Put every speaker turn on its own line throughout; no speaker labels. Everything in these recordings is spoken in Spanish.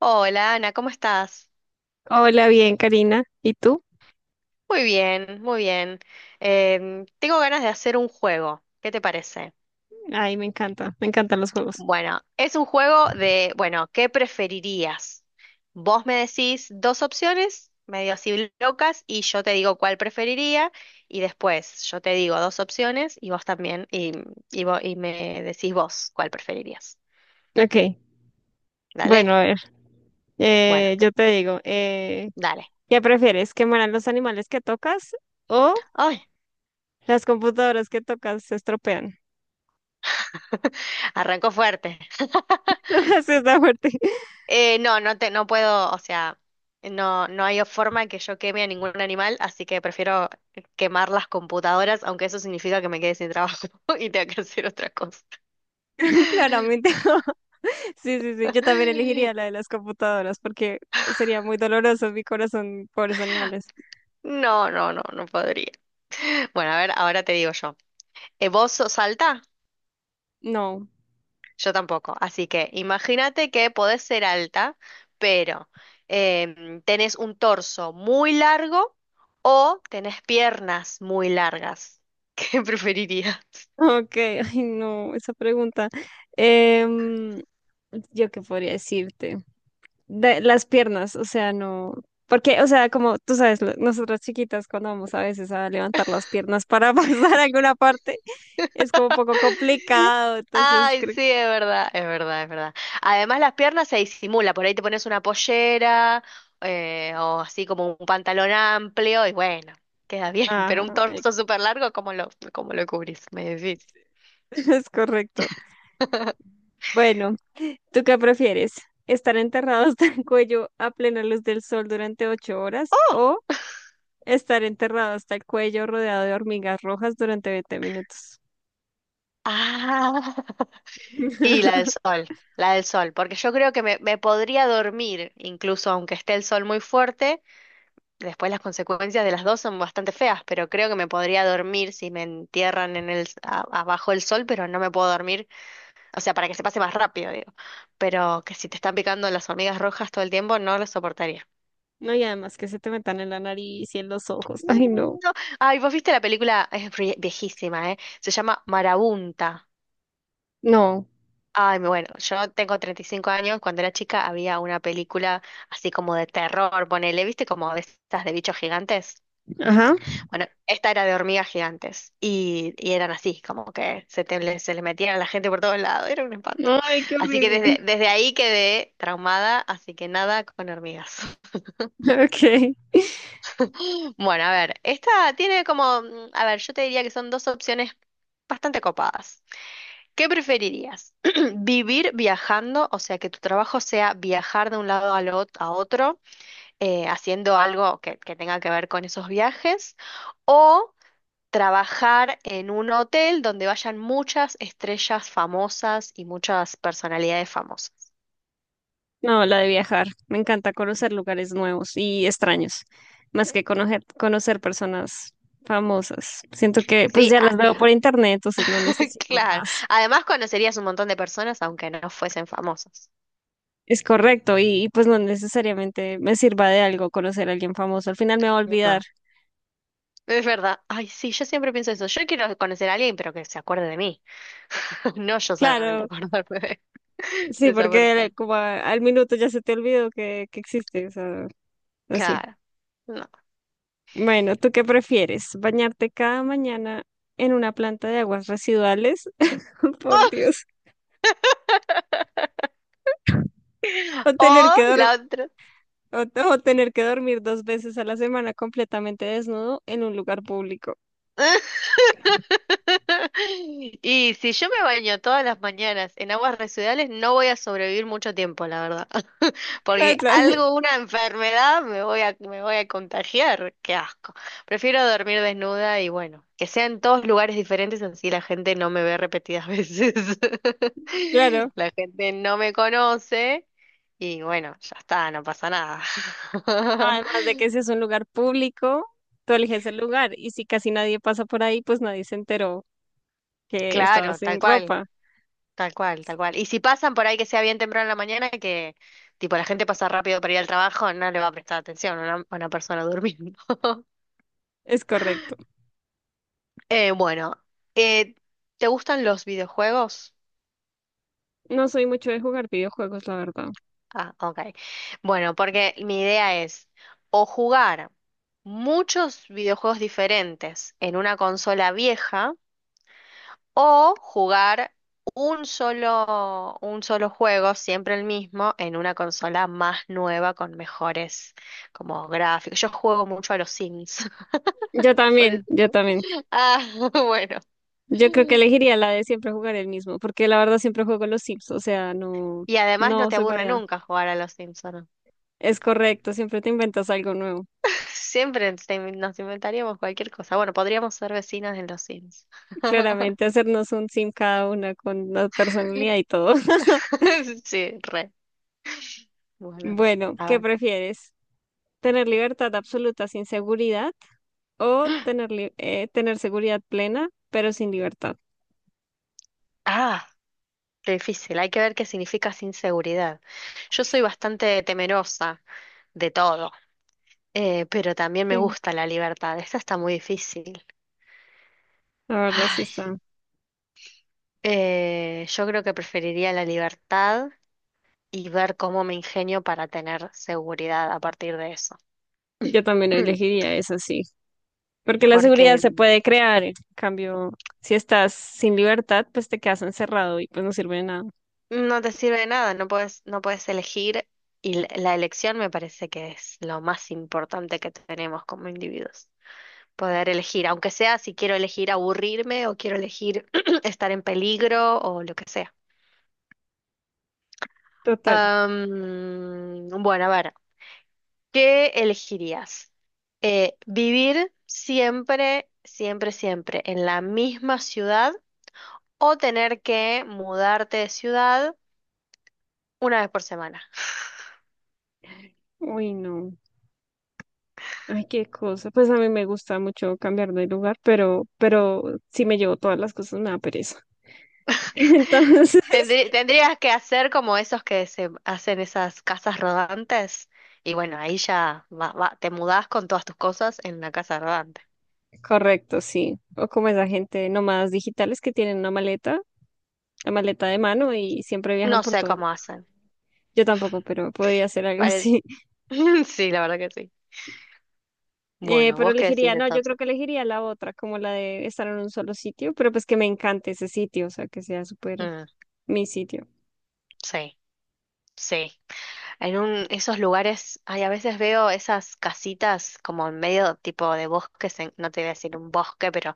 Hola Ana, ¿cómo estás?
Hola, bien, Karina. ¿Y tú?
Muy bien, muy bien. Tengo ganas de hacer un juego. ¿Qué te parece?
Ay, me encanta, me encantan los juegos.
Bueno, es un juego de, bueno, ¿qué preferirías? Vos me decís dos opciones, medio así locas, y yo te digo cuál preferiría, y después yo te digo dos opciones y vos también, y, y me decís vos cuál preferirías.
Ok, bueno,
¿Dale?
a ver,
Bueno,
yo te digo,
dale.
¿qué prefieres? ¿Que mueran los animales que tocas o
Ay,
las computadoras que tocas se estropean?
arrancó fuerte.
Así está fuerte.
No, no puedo, o sea, no, no hay forma que yo queme a ningún animal, así que prefiero quemar las computadoras, aunque eso significa que me quede sin trabajo y tenga que hacer otra cosa.
Claramente. Sí, sí, sí. Yo también elegiría la de las computadoras porque sería muy doloroso mi corazón, pobres animales.
No, no, no, no podría. Bueno, a ver, ahora te digo yo. ¿Vos sos alta?
No.
Yo tampoco. Así que imagínate que podés ser alta, pero tenés un torso muy largo o tenés piernas muy largas. ¿Qué preferirías?
Ok, ay, no, esa pregunta. Em, ¿Yo qué podría decirte? De las piernas, o sea, no, porque, o sea, como tú sabes, nosotras chiquitas cuando vamos a veces a levantar las piernas para pasar a alguna parte, es como un poco complicado, entonces,
Ay, sí, es verdad, es verdad, es verdad. Además, las piernas se disimula, por ahí te pones una pollera o así como un pantalón amplio y bueno, queda bien, pero
ajá,
un torso súper largo, ¿cómo lo cubrís? Medio difícil.
es correcto. Bueno, ¿tú qué prefieres? ¿Estar enterrado hasta el cuello a plena luz del sol durante 8 horas
¡Oh!
o estar enterrado hasta el cuello rodeado de hormigas rojas durante 20 minutos?
Ah, y la del sol, porque yo creo que me podría dormir, incluso aunque esté el sol muy fuerte, después las consecuencias de las dos son bastante feas, pero creo que me podría dormir si me entierran en abajo del sol, pero no me puedo dormir. O sea, para que se pase más rápido, digo. Pero que si te están picando las hormigas rojas todo el tiempo, no lo soportaría.
No, y además que se te metan en la nariz y en los ojos. Ay, no.
No. Ay, vos viste la película, es viejísima, ¿eh? Se llama Marabunta.
No.
Ay, bueno, yo tengo 35 años. Cuando era chica había una película así como de terror, ponele, ¿viste? Como de estas de bichos gigantes.
Ajá.
Bueno, esta era de hormigas gigantes. Y eran así, como que se les metían a la gente por todos lados. Era un espanto.
Ay, qué
Así que
horrible.
desde, desde ahí quedé traumada, así que nada con hormigas.
Ok.
Bueno, a ver, esta tiene como, a ver, yo te diría que son dos opciones bastante copadas. ¿Qué preferirías? ¿Vivir viajando, o sea, que tu trabajo sea viajar de un lado a otro, haciendo algo que tenga que ver con esos viajes? ¿O trabajar en un hotel donde vayan muchas estrellas famosas y muchas personalidades famosas?
No, la de viajar. Me encanta conocer lugares nuevos y extraños, más que conocer, conocer personas famosas. Siento que pues
Sí,
ya las veo por internet, entonces no necesito
claro.
más.
Además conocerías un montón de personas aunque no fuesen famosas.
Es correcto, y, pues no necesariamente me sirva de algo conocer a alguien famoso. Al final me va a olvidar.
No. Es verdad. Ay, sí, yo siempre pienso eso. Yo quiero conocer a alguien, pero que se acuerde de mí. No yo solamente
Claro,
acordarme de
sí,
esa
porque
persona.
como al minuto ya se te olvidó que existe, o sea, así.
Claro. No.
Bueno, ¿tú qué prefieres? ¿Bañarte cada mañana en una planta de aguas residuales? Por Dios. O tener
O
que
la
dor-
otra.
o tener que dormir dos veces a la semana completamente desnudo en un lugar público.
Y si yo me baño todas las mañanas en aguas residuales, no voy a sobrevivir mucho tiempo, la verdad. Porque
O sea,
algo, una enfermedad, me voy a contagiar. Qué asco. Prefiero dormir desnuda y bueno, que sea en todos lugares diferentes, así la gente no me ve repetidas veces.
claro.
La gente no me conoce y bueno, ya está, no pasa nada.
Además de que si es un lugar público, tú eliges el lugar. Y si casi nadie pasa por ahí, pues nadie se enteró que estaba
Claro, tal
sin
cual.
ropa.
Tal cual, tal cual. Y si pasan por ahí que sea bien temprano en la mañana, que tipo la gente pasa rápido para ir al trabajo, no le va a prestar atención a a una persona durmiendo.
Es correcto.
Bueno, eh, ¿te gustan los videojuegos?
No soy mucho de jugar videojuegos, la verdad.
Ah, ok. Bueno, porque mi idea es o jugar muchos videojuegos diferentes en una consola vieja. O jugar un solo juego, siempre el mismo, en una consola más nueva con mejores como gráficos. Yo juego mucho a los Sims,
Yo
por
también, yo
eso.
también.
Ah, bueno.
Yo creo que elegiría la de siempre jugar el mismo, porque la verdad siempre juego los Sims, o sea, no,
Y además no
no
te
soy
aburre
variada.
nunca jugar a los Sims, ¿o no?
Es correcto, siempre te inventas algo nuevo.
Siempre nos inventaríamos cualquier cosa. Bueno, podríamos ser vecinas en los Sims.
Claramente hacernos un Sim cada una con la personalidad y todo.
Sí, re. Bueno,
Bueno,
a
¿qué
ver.
prefieres? ¿Tener libertad absoluta sin seguridad o tener seguridad plena pero sin libertad?
Ah, qué difícil. Hay que ver qué significa sin seguridad. Yo soy bastante temerosa de todo. Pero también me
Sí,
gusta la libertad. Esta está muy difícil.
la verdad sí
Ay,
está.
yo creo que preferiría la libertad y ver cómo me ingenio para tener seguridad a partir de eso.
Yo también
Mm.
elegiría eso, sí. Porque la
Porque
seguridad se puede crear, en cambio, si estás sin libertad, pues te quedas encerrado y pues no sirve de nada.
no te sirve de nada, no puedes elegir y la elección me parece que es lo más importante que tenemos como individuos. Poder elegir, aunque sea si quiero elegir aburrirme o quiero elegir estar en peligro o lo que sea.
Total.
Bueno, a ver, ¿qué elegirías? ¿Vivir siempre, siempre, siempre en la misma ciudad o tener que mudarte de ciudad una vez por semana?
Uy, no. Ay, qué cosa. Pues a mí me gusta mucho cambiar de lugar, pero si me llevo todas las cosas me da pereza. Entonces,
Tendrías que hacer como esos que se hacen esas casas rodantes y bueno, ahí ya te mudás con todas tus cosas en la casa rodante.
correcto, sí. O como esa gente nómadas digitales que tienen una maleta, la maleta de mano y siempre viajan
No
por
sé
todo.
cómo hacen.
Yo tampoco, pero podría hacer algo
Pare-
así.
Sí, la verdad que sí. Bueno,
Pero
¿vos qué decís
elegiría, no, yo creo
entonces?
que elegiría la otra, como la de estar en un solo sitio, pero pues que me encante ese sitio, o sea, que sea súper
Mm,
mi sitio.
sí, sí. En un, esos lugares, ay, a veces veo esas casitas como en medio tipo de bosques, no te voy a decir un bosque, pero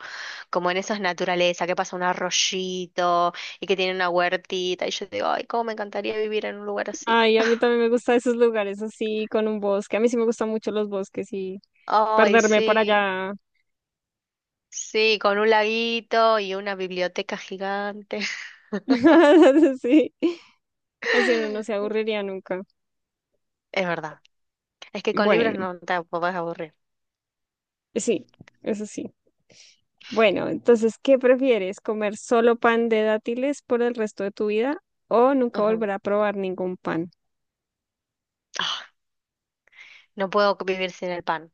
como en esas naturaleza, que pasa un arroyito y que tiene una huertita, y yo digo, ay, cómo me encantaría vivir en un lugar así.
Ay, a mí también me gustan esos lugares así, con un bosque. A mí sí me gustan mucho los bosques y
Ay,
perderme por
sí,
allá.
sí, con un laguito y una biblioteca gigante.
Sí, así uno no se aburriría nunca.
Es verdad, es que con libros
Bueno,
no te podés aburrir.
sí, eso sí. Bueno, entonces, ¿qué prefieres? ¿Comer solo pan de dátiles por el resto de tu vida o nunca
Ujú.
volver a probar ningún pan?
Ah, no puedo vivir sin el pan.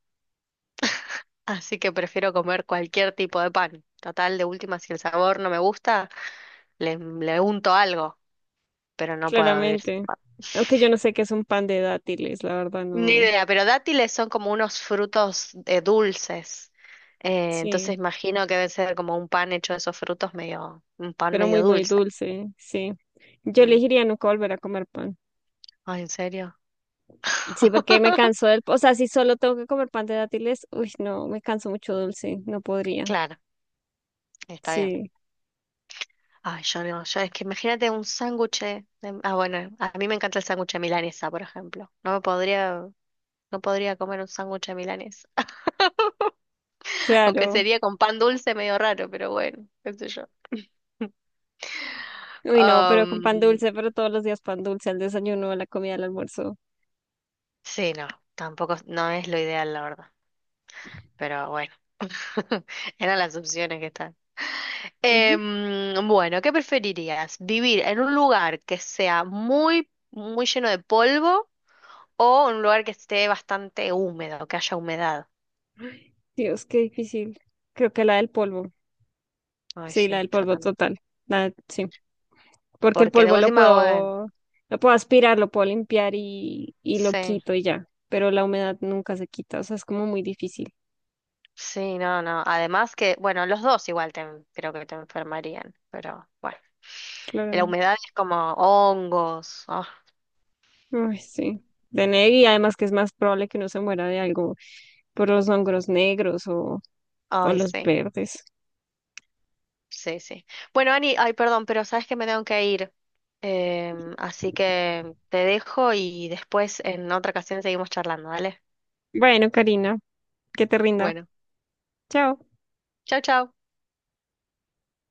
Así que prefiero comer cualquier tipo de pan. Total, de última, si el sabor no me gusta, le unto algo, pero no puedo vivir sin
Claramente.
pan.
Aunque yo no sé qué es un pan de dátiles, la verdad
Ni
no.
idea, pero dátiles son como unos frutos dulces.
Sí,
Entonces imagino que debe ser como un pan hecho de esos frutos medio, un pan
pero muy,
medio
muy
dulce.
dulce, sí. Yo
Mm.
elegiría nunca volver a comer pan.
Ay, ¿en serio?
Sí, porque me canso del... O sea, si solo tengo que comer pan de dátiles, uy, no, me canso mucho dulce, no podría.
Claro, está bien.
Sí,
Ay, yo no, yo es que imagínate un ah, bueno, a mí me encanta el sándwich de milanesa, por ejemplo. No podría comer un sándwich de milanesa. Aunque
claro.
sería con pan dulce medio raro, pero bueno, qué sé yo.
Uy, no, pero con
Am,
pan dulce, pero todos los días pan dulce, al desayuno, a la comida, al almuerzo.
sí, no, tampoco no es lo ideal, la verdad. Pero bueno, eran las opciones que están.
Ujú.
Bueno, ¿qué preferirías? ¿Vivir en un lugar que sea muy, muy lleno de polvo o en un lugar que esté bastante húmedo, que haya humedad?
Dios, qué difícil. Creo que la del polvo.
Ay,
Sí, la
sí,
del
yo
polvo
también.
total. La, sí. Porque el
Porque de
polvo
última, bueno,
lo puedo aspirar, lo puedo limpiar y lo
sí.
quito y ya, pero la humedad nunca se quita, o sea, es como muy difícil,
Sí, no, no. Además que, bueno, los dos igual creo que te enfermarían, pero bueno. La
claramente.
humedad es como hongos.
Ay, sí, y además que es más probable que uno se muera de algo por los hongos negros o
Ay,
los
sí,
verdes.
sí, sí. Bueno, Ani, ay, perdón, pero sabes que me tengo que ir. Así que te dejo y después en otra ocasión seguimos charlando, ¿vale?
Bueno, Karina, que te rinda.
Bueno,
Chao.
chao, chao.